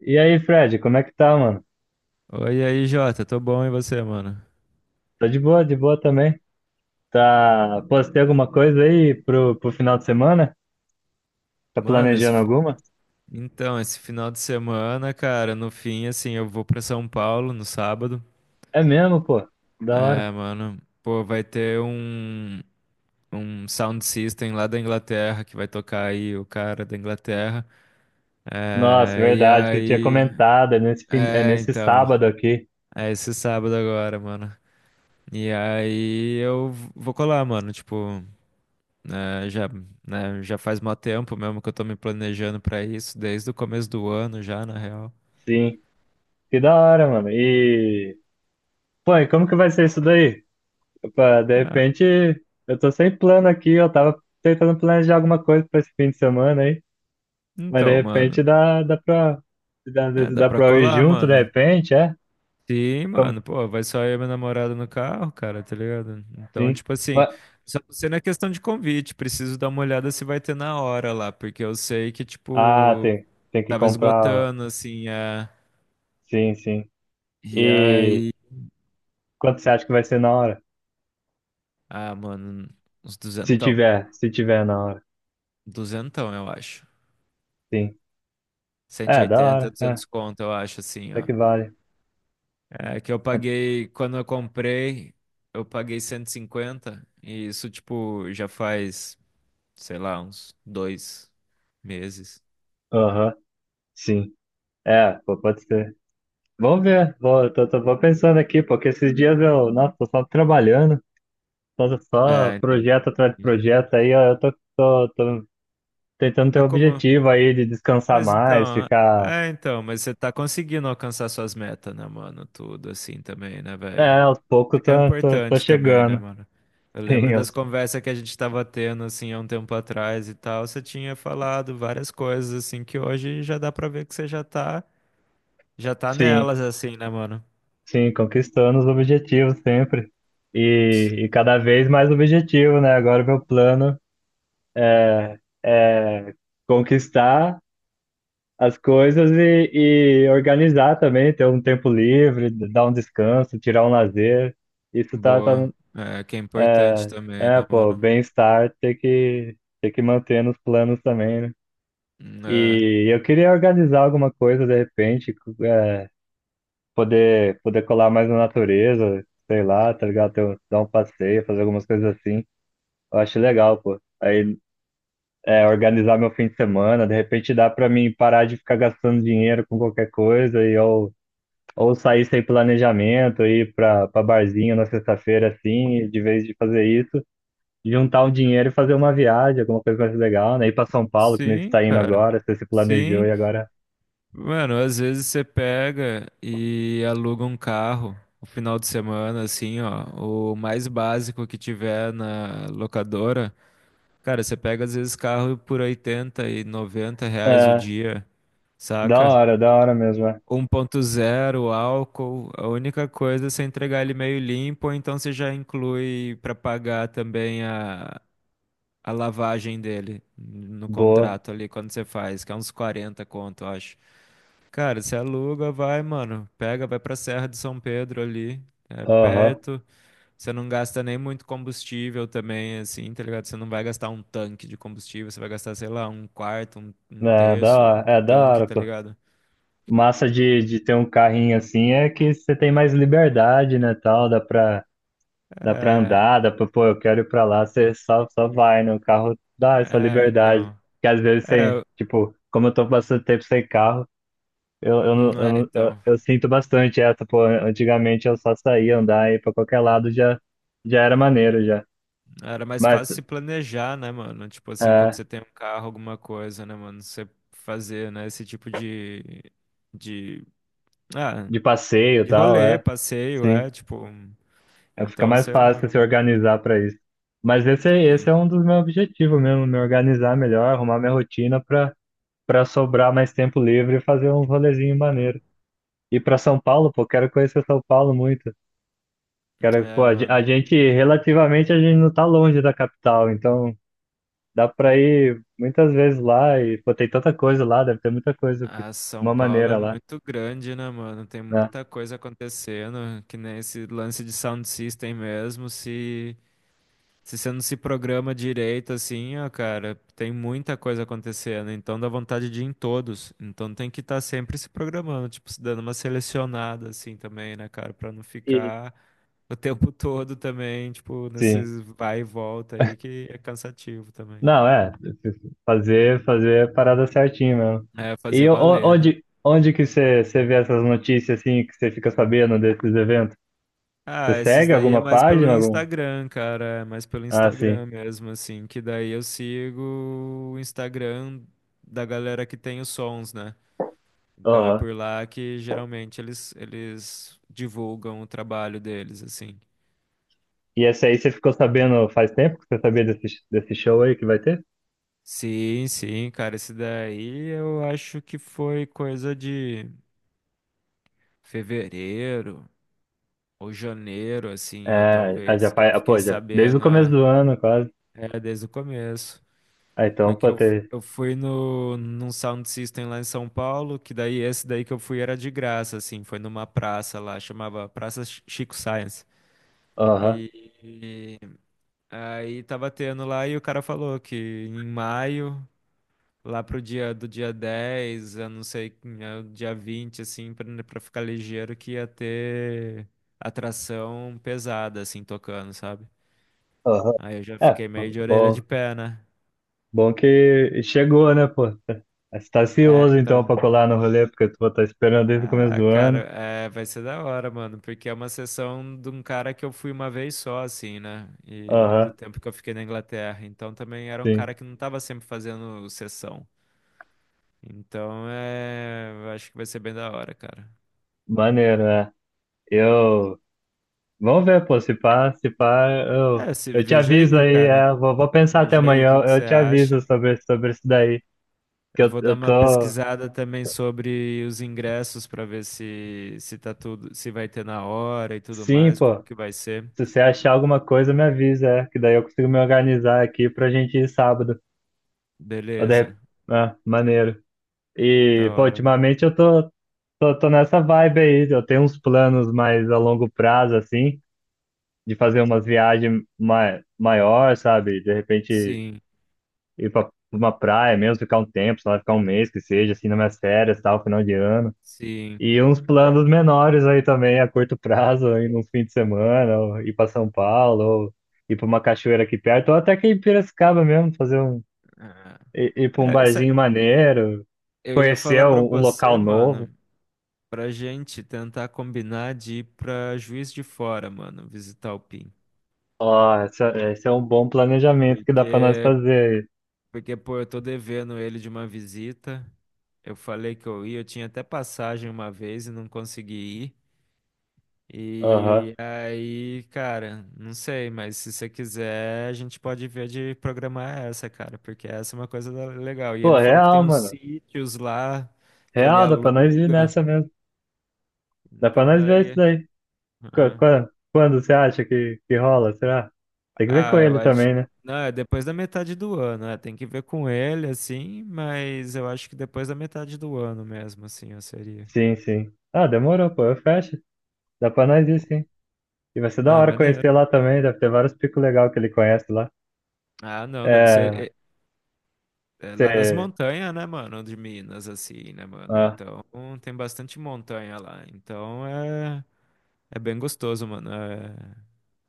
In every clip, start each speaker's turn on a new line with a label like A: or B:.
A: E aí, Fred, como é que tá, mano?
B: Oi, e aí, Jota, tô bom e você, mano?
A: Tá de boa também. Tá, pô, você tem alguma coisa aí pro final de semana? Tá
B: Mano,
A: planejando alguma?
B: então, esse final de semana, cara, no fim, assim, eu vou pra São Paulo no sábado.
A: É mesmo, pô. Da hora.
B: É, mano, pô, vai ter um sound system lá da Inglaterra que vai tocar aí o cara da Inglaterra.
A: Nossa,
B: É, e
A: verdade, você tinha
B: aí.
A: comentado, é
B: É,
A: nesse
B: então,
A: sábado aqui.
B: é esse sábado agora, mano. E aí eu vou colar, mano, tipo. né, já, né, já faz mó tempo mesmo que eu tô me planejando pra isso, desde o começo do ano já, na real.
A: Sim. Que da hora, mano. Pô, e como que vai ser isso daí? Opa, de repente, eu tô sem plano aqui, eu tava tentando planejar alguma coisa pra esse fim de semana aí, mas de
B: Então, mano,
A: repente dá,
B: é, dá
A: dá
B: pra
A: pra ir
B: colar,
A: junto, de
B: mano.
A: repente, é?
B: Sim, mano, pô, vai só eu e minha namorada no carro, cara, tá ligado? Então,
A: Sim.
B: tipo assim,
A: Mas-
B: só não sei na questão de convite, preciso dar uma olhada se vai ter na hora lá, porque eu sei que,
A: Ah,
B: tipo,
A: tem que
B: tava
A: comprar.
B: esgotando, assim.
A: Sim, sim.
B: E
A: E
B: aí.
A: quanto você acha que vai ser na hora?
B: Ah, mano, uns duzentão.
A: Se tiver na hora.
B: Duzentão, eu acho.
A: Sim.
B: Cento e
A: É, da
B: oitenta
A: hora. É,
B: 200 conto, eu acho, assim,
A: até
B: ó.
A: que vale.
B: É que eu paguei, quando eu comprei, eu paguei 150 e cinquenta, e isso, tipo, já faz, sei lá, uns 2 meses.
A: Aham, sim. É, pô, pode ser. Vamos ver. Vou pensando aqui, porque esses dias eu, nossa, tô só trabalhando, só
B: É, então.
A: projeto atrás de
B: Ixi.
A: projeto. Aí ó, eu tô tentando ter um
B: Mas como?
A: objetivo aí de descansar
B: Mas
A: mais,
B: então,
A: ficar.
B: é, então, mas você tá conseguindo alcançar suas metas, né, mano? Tudo assim também, né, velho?
A: É, aos poucos
B: Isso que é
A: tô
B: importante também, né,
A: chegando.
B: mano? Eu
A: Sim,
B: lembro
A: eu-
B: das conversas que a gente tava tendo, assim, há um tempo atrás e tal. Você tinha falado várias coisas, assim, que hoje já dá pra ver que você já tá. Já tá
A: sim.
B: nelas assim, né, mano?
A: Sim, conquistando os objetivos sempre.
B: Sim.
A: E cada vez mais objetivo, né? Agora meu plano é conquistar as coisas e organizar também, ter um tempo livre, d- dar um descanso, tirar um lazer. Isso tá, tá,
B: Boa. É, que é importante também,
A: é,
B: né,
A: pô,
B: mano?
A: bem-estar tem que manter nos planos também, né?
B: É.
A: E eu queria organizar alguma coisa de repente, cu- é, poder colar mais na natureza, sei lá, tá ligado? Ter, um- dar um passeio, fazer algumas coisas assim. Eu acho legal, pô. Aí é organizar meu fim de semana, de repente dá pra mim parar de ficar gastando dinheiro com qualquer coisa e ou sair sem planejamento, ir pra barzinho na sexta-feira assim, e de vez de fazer isso, juntar um dinheiro e fazer uma viagem, alguma coisa mais legal, né? Ir pra São Paulo, que nem você
B: Sim,
A: tá indo
B: cara.
A: agora, você se planejou
B: Sim.
A: e agora.
B: Mano, às vezes você pega e aluga um carro no final de semana, assim, ó. O mais básico que tiver na locadora. Cara, você pega às vezes carro por 80 e 90 reais o
A: É,
B: dia, saca?
A: da hora mesmo, é.
B: 1.0, álcool, a única coisa é você entregar ele meio limpo, ou então você já inclui para pagar também a lavagem dele no
A: Boa.
B: contrato ali quando você faz, que é uns 40 conto, eu acho. Cara, você aluga, vai, mano, pega, vai pra Serra de São Pedro ali, é
A: Aham.
B: perto, você não gasta nem muito combustível também, assim, tá ligado? Você não vai gastar um tanque de combustível, você vai gastar, sei lá, um quarto, um terço do
A: É da
B: tanque,
A: hora,
B: tá
A: pô.
B: ligado?
A: Massa de ter um carrinho assim é que você tem mais liberdade, né, tal, dá pra
B: É,
A: andar, dá pra, pô, eu quero ir pra lá, você só vai, né? O carro dá essa
B: é,
A: liberdade.
B: então.
A: Que às vezes sem,
B: É,
A: tipo, como eu tô bastante tempo sem carro, eu, não-
B: não
A: eu,
B: é,
A: não-
B: então.
A: eu sinto bastante essa, pô, antigamente eu só saía andar e pra qualquer lado já, já era maneiro já.
B: Era mais
A: Mas,
B: fácil se planejar, né, mano? Tipo assim, quando
A: é,
B: você tem um carro, alguma coisa, né, mano? Você fazer, né, esse tipo de, ah,
A: de passeio e
B: de
A: tal,
B: rolê,
A: é,
B: passeio,
A: sim,
B: é, tipo,
A: é, fica
B: então,
A: mais
B: sei lá,
A: fácil
B: né,
A: se
B: mano?
A: organizar pra isso. Mas esse
B: Sim.
A: é um dos meus objetivos mesmo, me organizar melhor, arrumar minha rotina pra sobrar mais tempo livre e fazer um rolezinho maneiro. Ir para São Paulo, pô, quero conhecer São Paulo muito. Quero, pô,
B: É,
A: a ge- a
B: mano.
A: gente, relativamente, a gente não tá longe da capital, então dá para ir muitas vezes lá e, pô, tem tanta coisa lá, deve ter muita coisa, de
B: A São
A: uma
B: Paulo é
A: maneira lá,
B: muito grande, né, mano? Tem
A: né?
B: muita coisa acontecendo, que nem esse lance de sound system mesmo, se você não se programa direito, assim, ó, cara, tem muita coisa acontecendo, então dá vontade de ir em todos. Então tem que estar sempre se programando, tipo, se dando uma selecionada, assim, também, né, cara, pra não
A: E,
B: ficar o tempo todo também, tipo,
A: sim.
B: nesses vai e volta aí, que é cansativo também.
A: Não, é, fazer a parada certinho mesmo.
B: É, fazer
A: E o-
B: valer, né?
A: onde, onde que você vê essas notícias, assim, que você fica sabendo desses eventos? Você
B: Ah, esses
A: segue
B: daí é
A: alguma
B: mais pelo
A: página, algum?
B: Instagram, cara, é mais pelo
A: Ah, sim.
B: Instagram mesmo, assim, que daí eu sigo o Instagram da galera que tem os sons, né? Então é
A: Aham.
B: por lá que geralmente eles divulgam o trabalho deles, assim.
A: E essa aí você ficou sabendo faz tempo que você sabia desse show aí que vai ter?
B: Sim, sim, cara, esse daí eu acho que foi coisa de fevereiro ou janeiro, assim, ó,
A: É, ah, já
B: talvez, que eu
A: faz, ah,
B: fiquei
A: pô, já, desde o
B: sabendo,
A: começo
B: é,
A: do ano, quase.
B: é desde o começo.
A: Ah, então, pô,
B: Porque eu, fu-
A: ter.
B: eu fui no, num sound system lá em São Paulo, que daí esse daí que eu fui era de graça, assim, foi numa praça lá, chamava Praça Chico Science.
A: Aham,
B: E aí tava tendo lá e o cara falou que em maio, lá pro dia do dia 10 eu não sei, né, dia 20 assim, pra, né, pra ficar ligeiro, que ia ter atração pesada, assim, tocando, sabe?
A: aham.
B: Aí eu já
A: É,
B: fiquei meio
A: pô,
B: de orelha de pé, né?
A: bom que chegou, né, pô? Você tá
B: É,
A: ansioso, então, pra
B: então.
A: colar no rolê, porque tu tá esperando desde o começo
B: Ah,
A: do
B: cara,
A: ano.
B: é, vai ser da hora, mano, porque é uma sessão de um cara que eu fui uma vez só, assim, né? E do
A: Aham,
B: tempo que eu fiquei na Inglaterra. Então também era um
A: sim.
B: cara que não tava sempre fazendo sessão. Então é. Acho que vai ser bem da hora, cara.
A: Maneiro, né? Eu. Vamos ver, pô, se pá,
B: É, se...
A: eu te
B: veja
A: aviso
B: aí,
A: aí,
B: cara.
A: é, vou pensar até
B: Veja aí o
A: amanhã,
B: que que
A: eu
B: você
A: te aviso
B: acha.
A: sobre isso daí, que
B: Eu vou dar
A: eu
B: uma
A: tô.
B: pesquisada também sobre os ingressos para ver se tá tudo, se vai ter na hora e tudo
A: Sim,
B: mais,
A: pô.
B: como que vai ser.
A: Se você achar alguma coisa, me avisa, é, que daí eu consigo me organizar aqui pra gente ir sábado. Ou de rep-
B: Beleza.
A: Ah, maneiro. E,
B: Da
A: pô,
B: hora, mano.
A: ultimamente eu tô nessa vibe aí. Eu tenho uns planos mais a longo prazo, assim, de fazer umas viagens ma maior, sabe? De repente
B: Sim,
A: ir pra uma praia mesmo, ficar um tempo, sei lá, ficar um mês que seja, assim, nas minhas férias, tal, final de ano.
B: sim.
A: E uns planos menores aí também, a curto prazo, aí num fim de semana, ou ir para São Paulo, ou ir para uma cachoeira aqui perto, ou até que em Piracicaba mesmo, fazer um,
B: Ah,
A: i- ir para um
B: é,
A: barzinho maneiro,
B: eu ia
A: conhecer
B: falar pra
A: um, um local
B: você,
A: novo.
B: mano, pra gente tentar combinar de ir pra Juiz de Fora, mano, visitar o PIN.
A: Ó, esse é um bom planejamento que dá para nós
B: Porque
A: fazer
B: Porque, pô, eu tô devendo ele de uma visita. Eu falei que eu ia, eu tinha até passagem uma vez e não consegui ir.
A: aí. Aham.
B: E aí, cara, não sei, mas se você quiser, a gente pode ver de programar essa, cara, porque essa é uma coisa legal. E
A: Pô,
B: ele falou que tem
A: real,
B: uns
A: mano.
B: sítios lá que ele
A: Real, dá para nós ir
B: aluga.
A: nessa mesmo. Dá para
B: Então
A: nós ver isso
B: daí.
A: daí. Qu-
B: Ah,
A: Quando você acha que rola, será? Tem que ver com
B: Ah, eu
A: ele
B: acho.
A: também, né?
B: Não, é depois da metade do ano, é, tem que ver com ele, assim, mas eu acho que depois da metade do ano mesmo, assim, eu seria.
A: Sim, sim. Ah, demorou, pô, eu fecho. Dá pra nós ir, sim. E vai ser da
B: Ah,
A: hora
B: maneiro.
A: conhecer lá também, deve ter vários picos legais que ele conhece lá.
B: Ah, não, deve ser
A: É,
B: é lá nas
A: você,
B: montanhas, né, mano? De Minas, assim, né, mano?
A: ah,
B: Então tem bastante montanha lá. Então é bem gostoso, mano. É,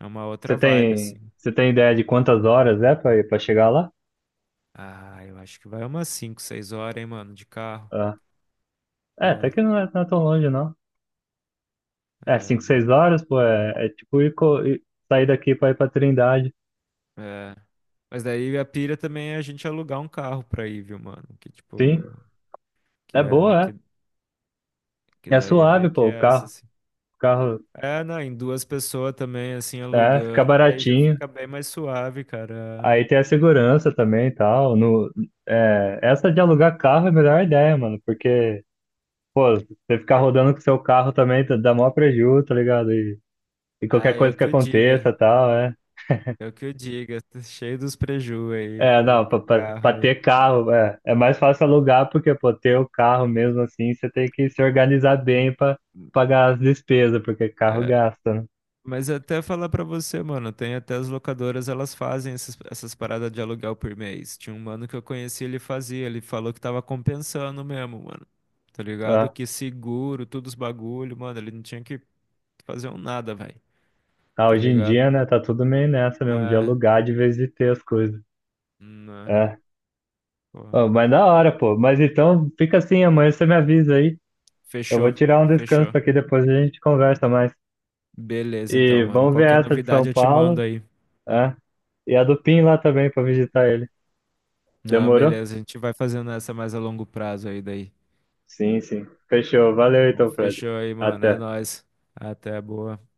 B: é uma outra vibe, assim.
A: você tem ideia de quantas horas é pra chegar lá?
B: Ah, eu acho que vai umas 5 6 horas, hein, mano, de carro.
A: Ah, é, até
B: É,
A: que não é, não é tão longe, não. É,
B: é,
A: 5
B: mano.
A: 6 horas, pô, é, é tipo ir, co- ir- sair daqui pra ir pra Trindade.
B: É. Mas daí a pira também é a gente alugar um carro pra ir, viu, mano? Que tipo,
A: Sim,
B: que
A: é
B: é,
A: boa,
B: que
A: é. É
B: daí é
A: suave,
B: meio que
A: pô,
B: essa, assim.
A: o carro,
B: É, não, em duas pessoas também, assim,
A: é, fica
B: alugando, daí já
A: baratinho.
B: fica bem mais suave, cara.
A: Aí tem a segurança também e tal. No, é, essa de alugar carro é a melhor ideia, mano, porque pô, você ficar rodando com seu carro também tá- dá maior prejuízo, tá ligado? E
B: Ah,
A: qualquer
B: eu
A: coisa que
B: que o diga,
A: aconteça, tal, é.
B: eu que o diga, tá cheio dos preju aí
A: É, não,
B: com o carro
A: pra
B: aí.
A: ter carro, é, é mais fácil alugar, porque, pô, ter o carro mesmo assim, você tem que se organizar bem pra pagar as despesas, porque carro
B: É,
A: gasta, né?
B: mas até falar pra você, mano, tem até as locadoras, elas fazem essas paradas de aluguel por mês. Tinha um mano que eu conheci, ele fazia, ele falou que tava compensando mesmo, mano. Tá ligado?
A: É.
B: Que seguro, todos os bagulho, mano, ele não tinha que fazer um nada, velho.
A: Ah,
B: Tá
A: hoje em dia,
B: ligado?
A: né, tá tudo meio nessa mesmo, de
B: É,
A: alugar de vez de ter as coisas.
B: né,
A: É.
B: pô.
A: Ô, mas da
B: É.
A: hora, pô. Mas então, fica assim, amanhã você me avisa aí. Eu vou
B: Fechou,
A: tirar um
B: fechou.
A: descanso aqui, depois a gente conversa mais.
B: Beleza,
A: E
B: então, mano.
A: vamos ver
B: Qualquer
A: essa de São
B: novidade eu te
A: Paulo.
B: mando aí.
A: É. E a do Pim lá também para visitar ele.
B: Não,
A: Demorou?
B: beleza, a gente vai fazendo essa mais a longo prazo aí daí.
A: Sim, sim. Fechou. Valeu
B: Bom,
A: então, Fred.
B: fechou aí, mano. É
A: Até.
B: nóis. Até boa.